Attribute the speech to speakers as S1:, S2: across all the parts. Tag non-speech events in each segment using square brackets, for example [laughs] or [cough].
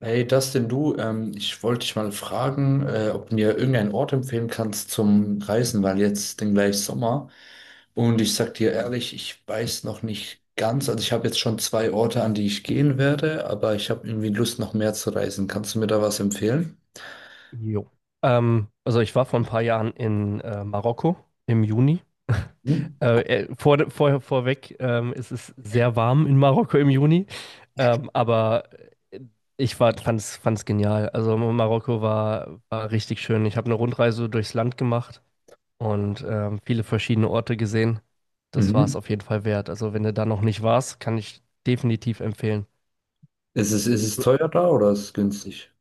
S1: Hey Dustin, du, ich wollte dich mal fragen, ob du mir irgendeinen Ort empfehlen kannst zum Reisen, weil jetzt den gleich Sommer. Und ich sag dir ehrlich, ich weiß noch nicht ganz. Also ich habe jetzt schon zwei Orte, an die ich gehen werde, aber ich habe irgendwie Lust, noch mehr zu reisen. Kannst du mir da was empfehlen?
S2: Jo. Also ich war vor ein paar Jahren in Marokko im Juni. [laughs]
S1: Mhm.
S2: Vorweg, es ist sehr warm in Marokko im Juni, aber fand es genial. Also Marokko war richtig schön. Ich habe eine Rundreise durchs Land gemacht und viele verschiedene Orte gesehen. Das war es
S1: Mhm.
S2: auf jeden Fall wert. Also wenn du da noch nicht warst, kann ich definitiv empfehlen.
S1: Ist es teuer da oder ist es günstig?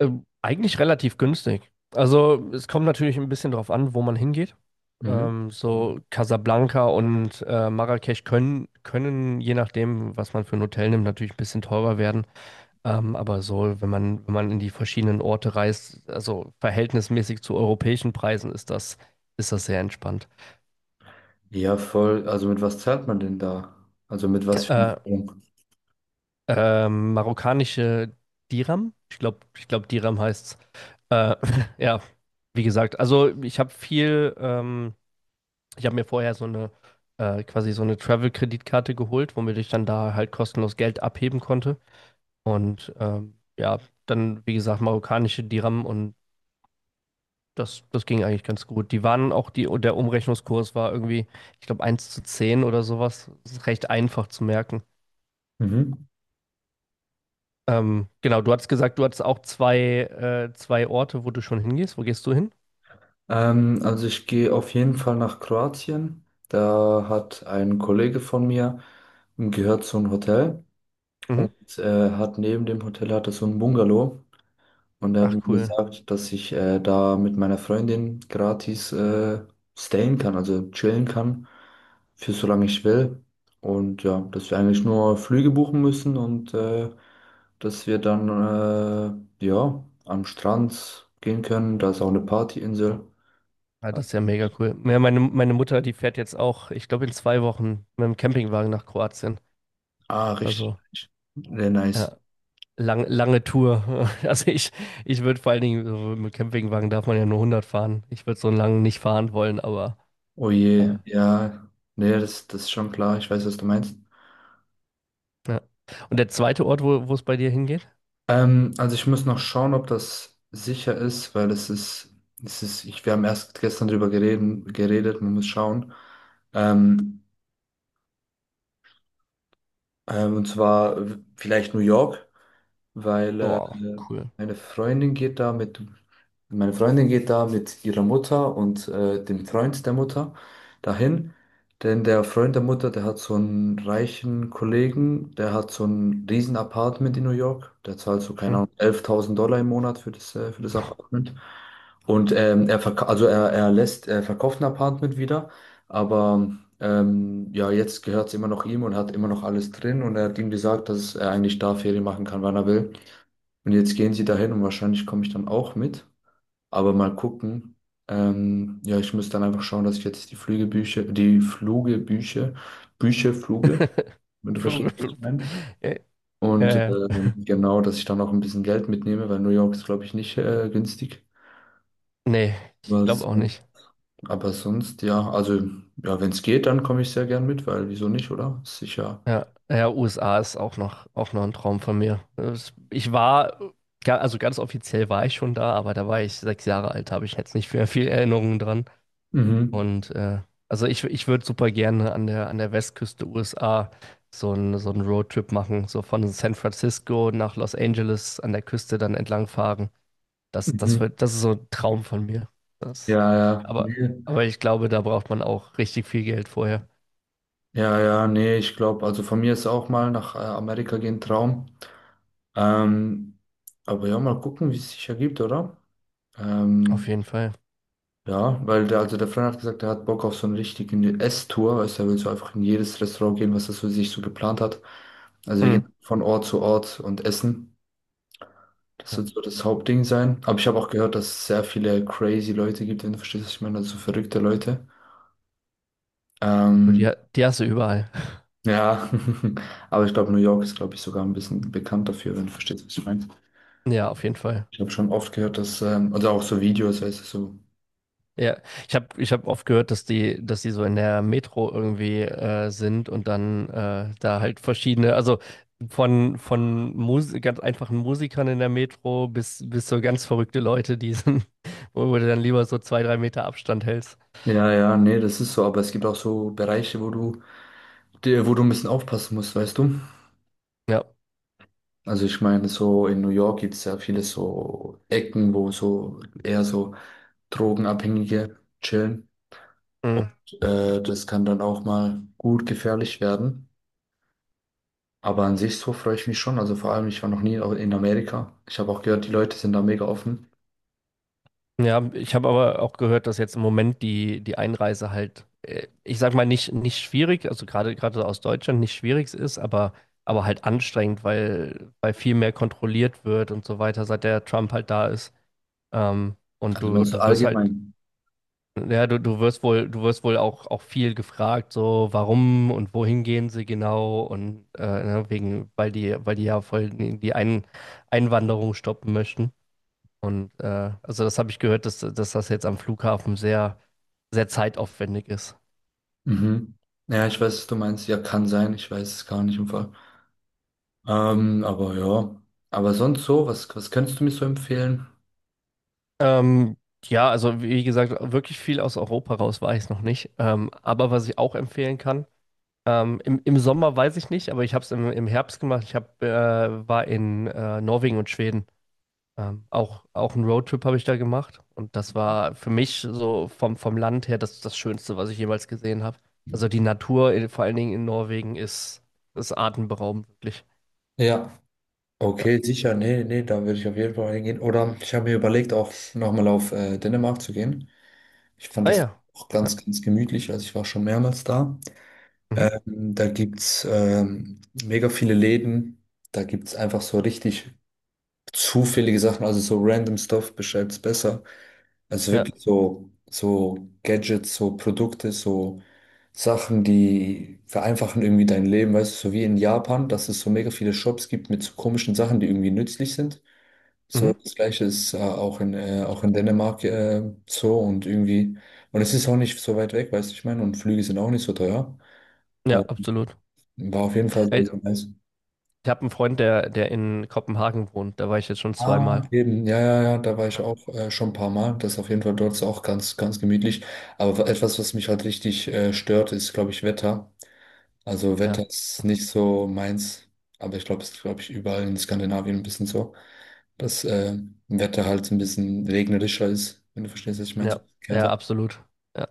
S2: Eigentlich relativ günstig. Also es kommt natürlich ein bisschen drauf an, wo man hingeht.
S1: Mhm.
S2: So Casablanca und Marrakesch können, je nachdem, was man für ein Hotel nimmt, natürlich ein bisschen teurer werden. Aber so, wenn man in die verschiedenen Orte reist, also verhältnismäßig zu europäischen Preisen, ist das sehr entspannt.
S1: Ja, voll. Also mit was zahlt man denn da? Also mit was für einer
S2: Äh,
S1: Wohnung?
S2: Marokkanische Dirham, ich glaube, Dirham heißt. Äh, [laughs] ja, wie gesagt, also ich habe viel. Ich habe mir vorher so eine quasi so eine Travel-Kreditkarte geholt, womit ich dann da halt kostenlos Geld abheben konnte. Und ja, dann, wie gesagt, marokkanische Dirham und das ging eigentlich ganz gut. Die waren auch, die, der Umrechnungskurs war irgendwie, ich glaube, eins zu 10 oder sowas. Das ist recht einfach zu merken.
S1: Mhm.
S2: Genau, du hattest gesagt, du hattest auch zwei Orte, wo du schon hingehst. Wo gehst du hin?
S1: Also ich gehe auf jeden Fall nach Kroatien. Da hat ein Kollege von mir gehört zu einem Hotel
S2: Mhm.
S1: und hat neben dem Hotel hat er so ein Bungalow und er hat
S2: Ach,
S1: mir
S2: cool.
S1: gesagt, dass ich da mit meiner Freundin gratis stayen kann, also chillen kann für solange ich will. Und ja, dass wir eigentlich nur Flüge buchen müssen und dass wir dann ja am Strand gehen können. Da ist auch eine Partyinsel.
S2: Ja, das ist ja mega cool. Ja, meine Mutter, die fährt jetzt auch, ich glaube, in 2 Wochen mit dem Campingwagen nach Kroatien.
S1: Ah, richtig.
S2: Also,
S1: Richtig. Sehr nice.
S2: ja, lange Tour. [laughs] Also ich würde vor allen Dingen, so mit Campingwagen darf man ja nur 100 fahren. Ich würde so einen langen nicht fahren wollen, aber
S1: Oh
S2: äh,
S1: je, ja. Nee, das ist schon klar. Ich weiß, was du meinst.
S2: ja. Und der zweite Ort, wo es bei dir hingeht?
S1: Also ich muss noch schauen, ob das sicher ist, weil es ist, ich, wir haben erst gestern drüber geredet, man muss schauen. Ähm, und zwar vielleicht New York. Weil
S2: Boah, cool.
S1: meine Freundin geht da mit, meine Freundin geht da mit ihrer Mutter und dem Freund der Mutter dahin. Denn der Freund der Mutter, der hat so einen reichen Kollegen, der hat so ein riesen Apartment in New York. Der zahlt so, keine
S2: Hm.
S1: Ahnung, $11.000 im Monat für für das Apartment. Und also er lässt, er verkauft ein Apartment wieder, aber ja, jetzt gehört es immer noch ihm und hat immer noch alles drin und er hat ihm gesagt, dass er eigentlich da Ferien machen kann, wann er will. Und jetzt gehen sie dahin und wahrscheinlich komme ich dann auch mit. Aber mal gucken. Ja, ich muss dann einfach schauen, dass ich jetzt die Flügebücher, die Flugebücher, Bücher, Fluge,
S2: [laughs]
S1: wenn du
S2: Flug-
S1: verstehst, was ich
S2: Flug-
S1: meine.
S2: Äh,
S1: Und
S2: äh,
S1: genau, dass ich dann auch ein bisschen Geld mitnehme, weil New York ist, glaube ich, nicht günstig.
S2: Nee, ich
S1: Aber
S2: glaube auch
S1: sonst,
S2: nicht.
S1: aber sonst, ja, also ja, wenn es geht, dann komme ich sehr gern mit, weil wieso nicht, oder? Ist sicher.
S2: Ja, ja, USA ist auch noch ein Traum von mir. Also ganz offiziell war ich schon da, aber da war ich 6 Jahre alt, habe ich jetzt nicht mehr viel Erinnerungen dran.
S1: Mhm.
S2: Und also ich würde super gerne an an der Westküste USA so einen Roadtrip machen, so von San Francisco nach Los Angeles an der Küste dann entlangfahren.
S1: Mhm.
S2: Das ist so ein Traum von mir. Das,
S1: Ja, ja,
S2: aber,
S1: nee.
S2: aber ich glaube, da braucht man auch richtig viel Geld vorher.
S1: Ja, ja, nee, ich glaube, also von mir ist auch mal nach Amerika gehen Traum. Ähm, aber ja, mal gucken, wie es sich ergibt, oder?
S2: Auf
S1: Ähm,
S2: jeden Fall.
S1: ja, weil also der Freund hat gesagt, er hat Bock auf so eine richtige Esstour, weißt du, er will so einfach in jedes Restaurant gehen, was er so sich so geplant hat. Also wir
S2: Mhm.
S1: gehen von Ort zu Ort und essen. Das wird so das Hauptding sein. Aber ich habe auch gehört, dass es sehr viele crazy Leute gibt, wenn du verstehst, was ich meine, also so verrückte Leute.
S2: Und
S1: Ähm,
S2: die hast du überall.
S1: Ja, [laughs] aber ich glaube, New York ist, glaube ich, sogar ein bisschen bekannt dafür, wenn du verstehst, was ich meine.
S2: Ja, auf jeden Fall.
S1: Ich habe schon oft gehört, dass, oder auch so Videos, weißt du, so.
S2: Ja, ich hab oft gehört, dass dass die so in der Metro irgendwie sind und dann da halt verschiedene, also von Mus ganz einfachen Musikern in der Metro bis so ganz verrückte Leute, die sind, [laughs] wo du dann lieber so 2, 3 Meter Abstand hältst.
S1: Ja, ja, nee, das ist so, aber es gibt auch so Bereiche, wo du ein bisschen aufpassen musst, weißt du?
S2: Ja.
S1: Also ich meine, so in New York gibt es ja viele so Ecken, wo so eher so Drogenabhängige chillen. Und
S2: Mhm.
S1: das kann dann auch mal gut gefährlich werden. Aber an sich so freue ich mich schon. Also vor allem, ich war noch nie in Amerika. Ich habe auch gehört, die Leute sind da mega offen.
S2: Ja, ich habe aber auch gehört, dass jetzt im Moment die Einreise halt, ich sag mal, nicht schwierig, also gerade aus Deutschland nicht schwierig ist, aber halt anstrengend, weil viel mehr kontrolliert wird und so weiter, seit der Trump halt da ist. Und
S1: Also
S2: du,
S1: nur so
S2: du wirst halt,
S1: allgemein.
S2: ja, du wirst wohl auch viel gefragt, so warum und wohin gehen sie genau und ne, wegen, weil die ja voll die Einwanderung stoppen möchten. Und also das habe ich gehört, dass das jetzt am Flughafen sehr, sehr zeitaufwendig ist.
S1: Mhm. Ja, ich weiß, was du meinst. Ja, kann sein. Ich weiß es gar nicht im Fall. Aber ja. Aber sonst so, was könntest du mir so empfehlen?
S2: Ähm, ja, also wie gesagt, wirklich viel aus Europa raus war ich noch nicht. Aber was ich auch empfehlen kann, im Sommer weiß ich nicht, aber ich habe es im Herbst gemacht. Ich hab, war in Norwegen und Schweden. Auch einen Roadtrip habe ich da gemacht. Und das war für mich so vom Land her das Schönste, was ich jemals gesehen habe. Also die Natur, vor allen Dingen in Norwegen, ist atemberaubend, wirklich.
S1: Ja, okay, sicher. Nee, nee, da würde ich auf jeden Fall hingehen. Oder ich habe mir überlegt, auch nochmal auf Dänemark zu gehen. Ich fand
S2: Ah
S1: das
S2: ja.
S1: auch
S2: Ja.
S1: ganz, ganz gemütlich. Also ich war schon mehrmals da.
S2: Mhm.
S1: Da gibt es mega viele Läden. Da gibt es einfach so richtig zufällige Sachen, also so random Stuff beschreibt's besser. Also
S2: Ja.
S1: wirklich so, so Gadgets, so Produkte, so Sachen, die vereinfachen irgendwie dein Leben, weißt du, so wie in Japan, dass es so mega viele Shops gibt mit so komischen Sachen, die irgendwie nützlich sind. So,
S2: Mhm.
S1: das Gleiche ist auch in Dänemark so und irgendwie, und es ist auch nicht so weit weg, weißt du, ich meine, und Flüge sind auch nicht so teuer.
S2: Ja,
S1: Und
S2: absolut.
S1: war auf jeden Fall sehr,
S2: Ey,
S1: sehr nice.
S2: ich habe einen Freund, der in Kopenhagen wohnt. Da war ich jetzt schon
S1: Ah,
S2: zweimal.
S1: eben, ja, ja, ja, da war ich auch schon ein paar Mal. Das ist auf jeden Fall dort ist auch ganz, ganz gemütlich. Aber etwas, was mich halt richtig stört, ist, glaube ich, Wetter. Also
S2: Ja,
S1: Wetter ist nicht so meins, aber ich glaube, es ist, glaube ich, überall in Skandinavien ein bisschen so, dass Wetter halt ein bisschen regnerischer ist, wenn du verstehst, was ich meine, so
S2: ja,
S1: ein bisschen
S2: ja,
S1: kälter.
S2: absolut. Ja.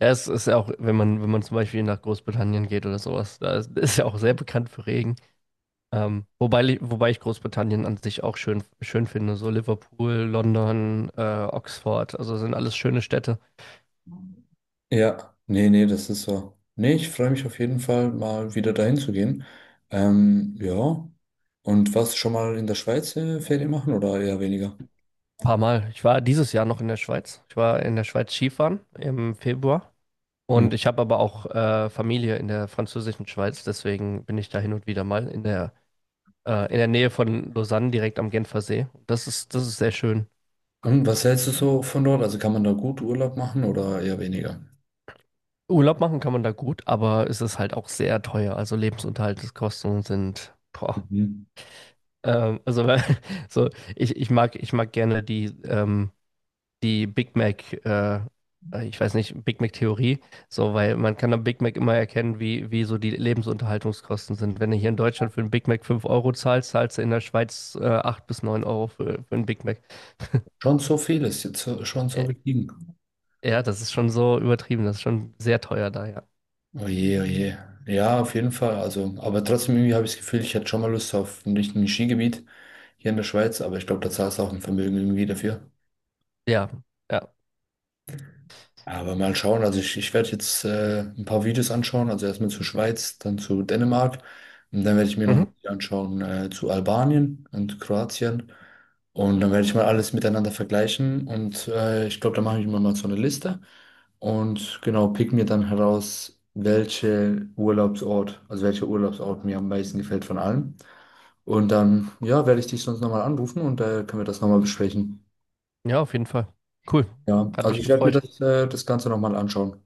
S2: Ja, es ist ja auch, wenn man zum Beispiel nach Großbritannien geht oder sowas, ist ja auch sehr bekannt für Regen. Wobei ich Großbritannien an sich auch schön, schön finde. So Liverpool, London, Oxford, also sind alles schöne Städte.
S1: Ja, nee, nee, das ist so. Nee, ich freue mich auf jeden Fall, mal wieder dahin zu gehen. Ja. Und warst du schon mal in der Schweiz Ferien machen oder eher weniger?
S2: Paar Mal. Ich war dieses Jahr noch in der Schweiz. Ich war in der Schweiz Skifahren im Februar. Und ich habe aber auch Familie in der französischen Schweiz, deswegen bin ich da hin und wieder mal in der Nähe von Lausanne, direkt am Genfersee. Das ist sehr schön.
S1: Und was hältst du so von dort? Also kann man da gut Urlaub machen oder eher weniger?
S2: Urlaub machen kann man da gut, aber es ist halt auch sehr teuer. Also Lebensunterhaltskosten sind, boah.
S1: Mhm.
S2: Also [laughs] so, ich mag gerne die die Big Mac, ich weiß nicht, Big Mac-Theorie, so, weil man kann am Big Mac immer erkennen, wie so die Lebensunterhaltungskosten sind. Wenn du hier in Deutschland für einen Big Mac 5 Euro zahlst, zahlst du in der Schweiz 8 bis neun Euro für einen Big Mac.
S1: Schon so viel ist jetzt schon so
S2: Äh,
S1: gestiegen.
S2: ja, das ist schon so übertrieben, das ist schon sehr teuer da, ja.
S1: Oh je, oh je. Ja, auf jeden Fall. Also, aber trotzdem irgendwie habe ich das Gefühl, ich hätte schon mal Lust auf nicht ein richtiges Skigebiet hier in der Schweiz, aber ich glaube, da zahlst du auch ein Vermögen irgendwie dafür.
S2: Ja, ja.
S1: Aber mal schauen, ich werde jetzt ein paar Videos anschauen, also erstmal zur Schweiz, dann zu Dänemark und dann werde ich mir noch
S2: Mhm.
S1: ein Video anschauen zu Albanien und Kroatien und dann werde ich mal alles miteinander vergleichen und ich glaube, da mache ich mir mal so eine Liste und genau, pick mir dann heraus, also welcher Urlaubsort mir am meisten gefällt von allen und dann, ja, werde ich dich sonst nochmal anrufen und können wir das nochmal besprechen.
S2: Ja, auf jeden Fall. Cool.
S1: Ja,
S2: Hat
S1: also
S2: mich
S1: ich werde mir
S2: gefreut.
S1: das Ganze nochmal anschauen.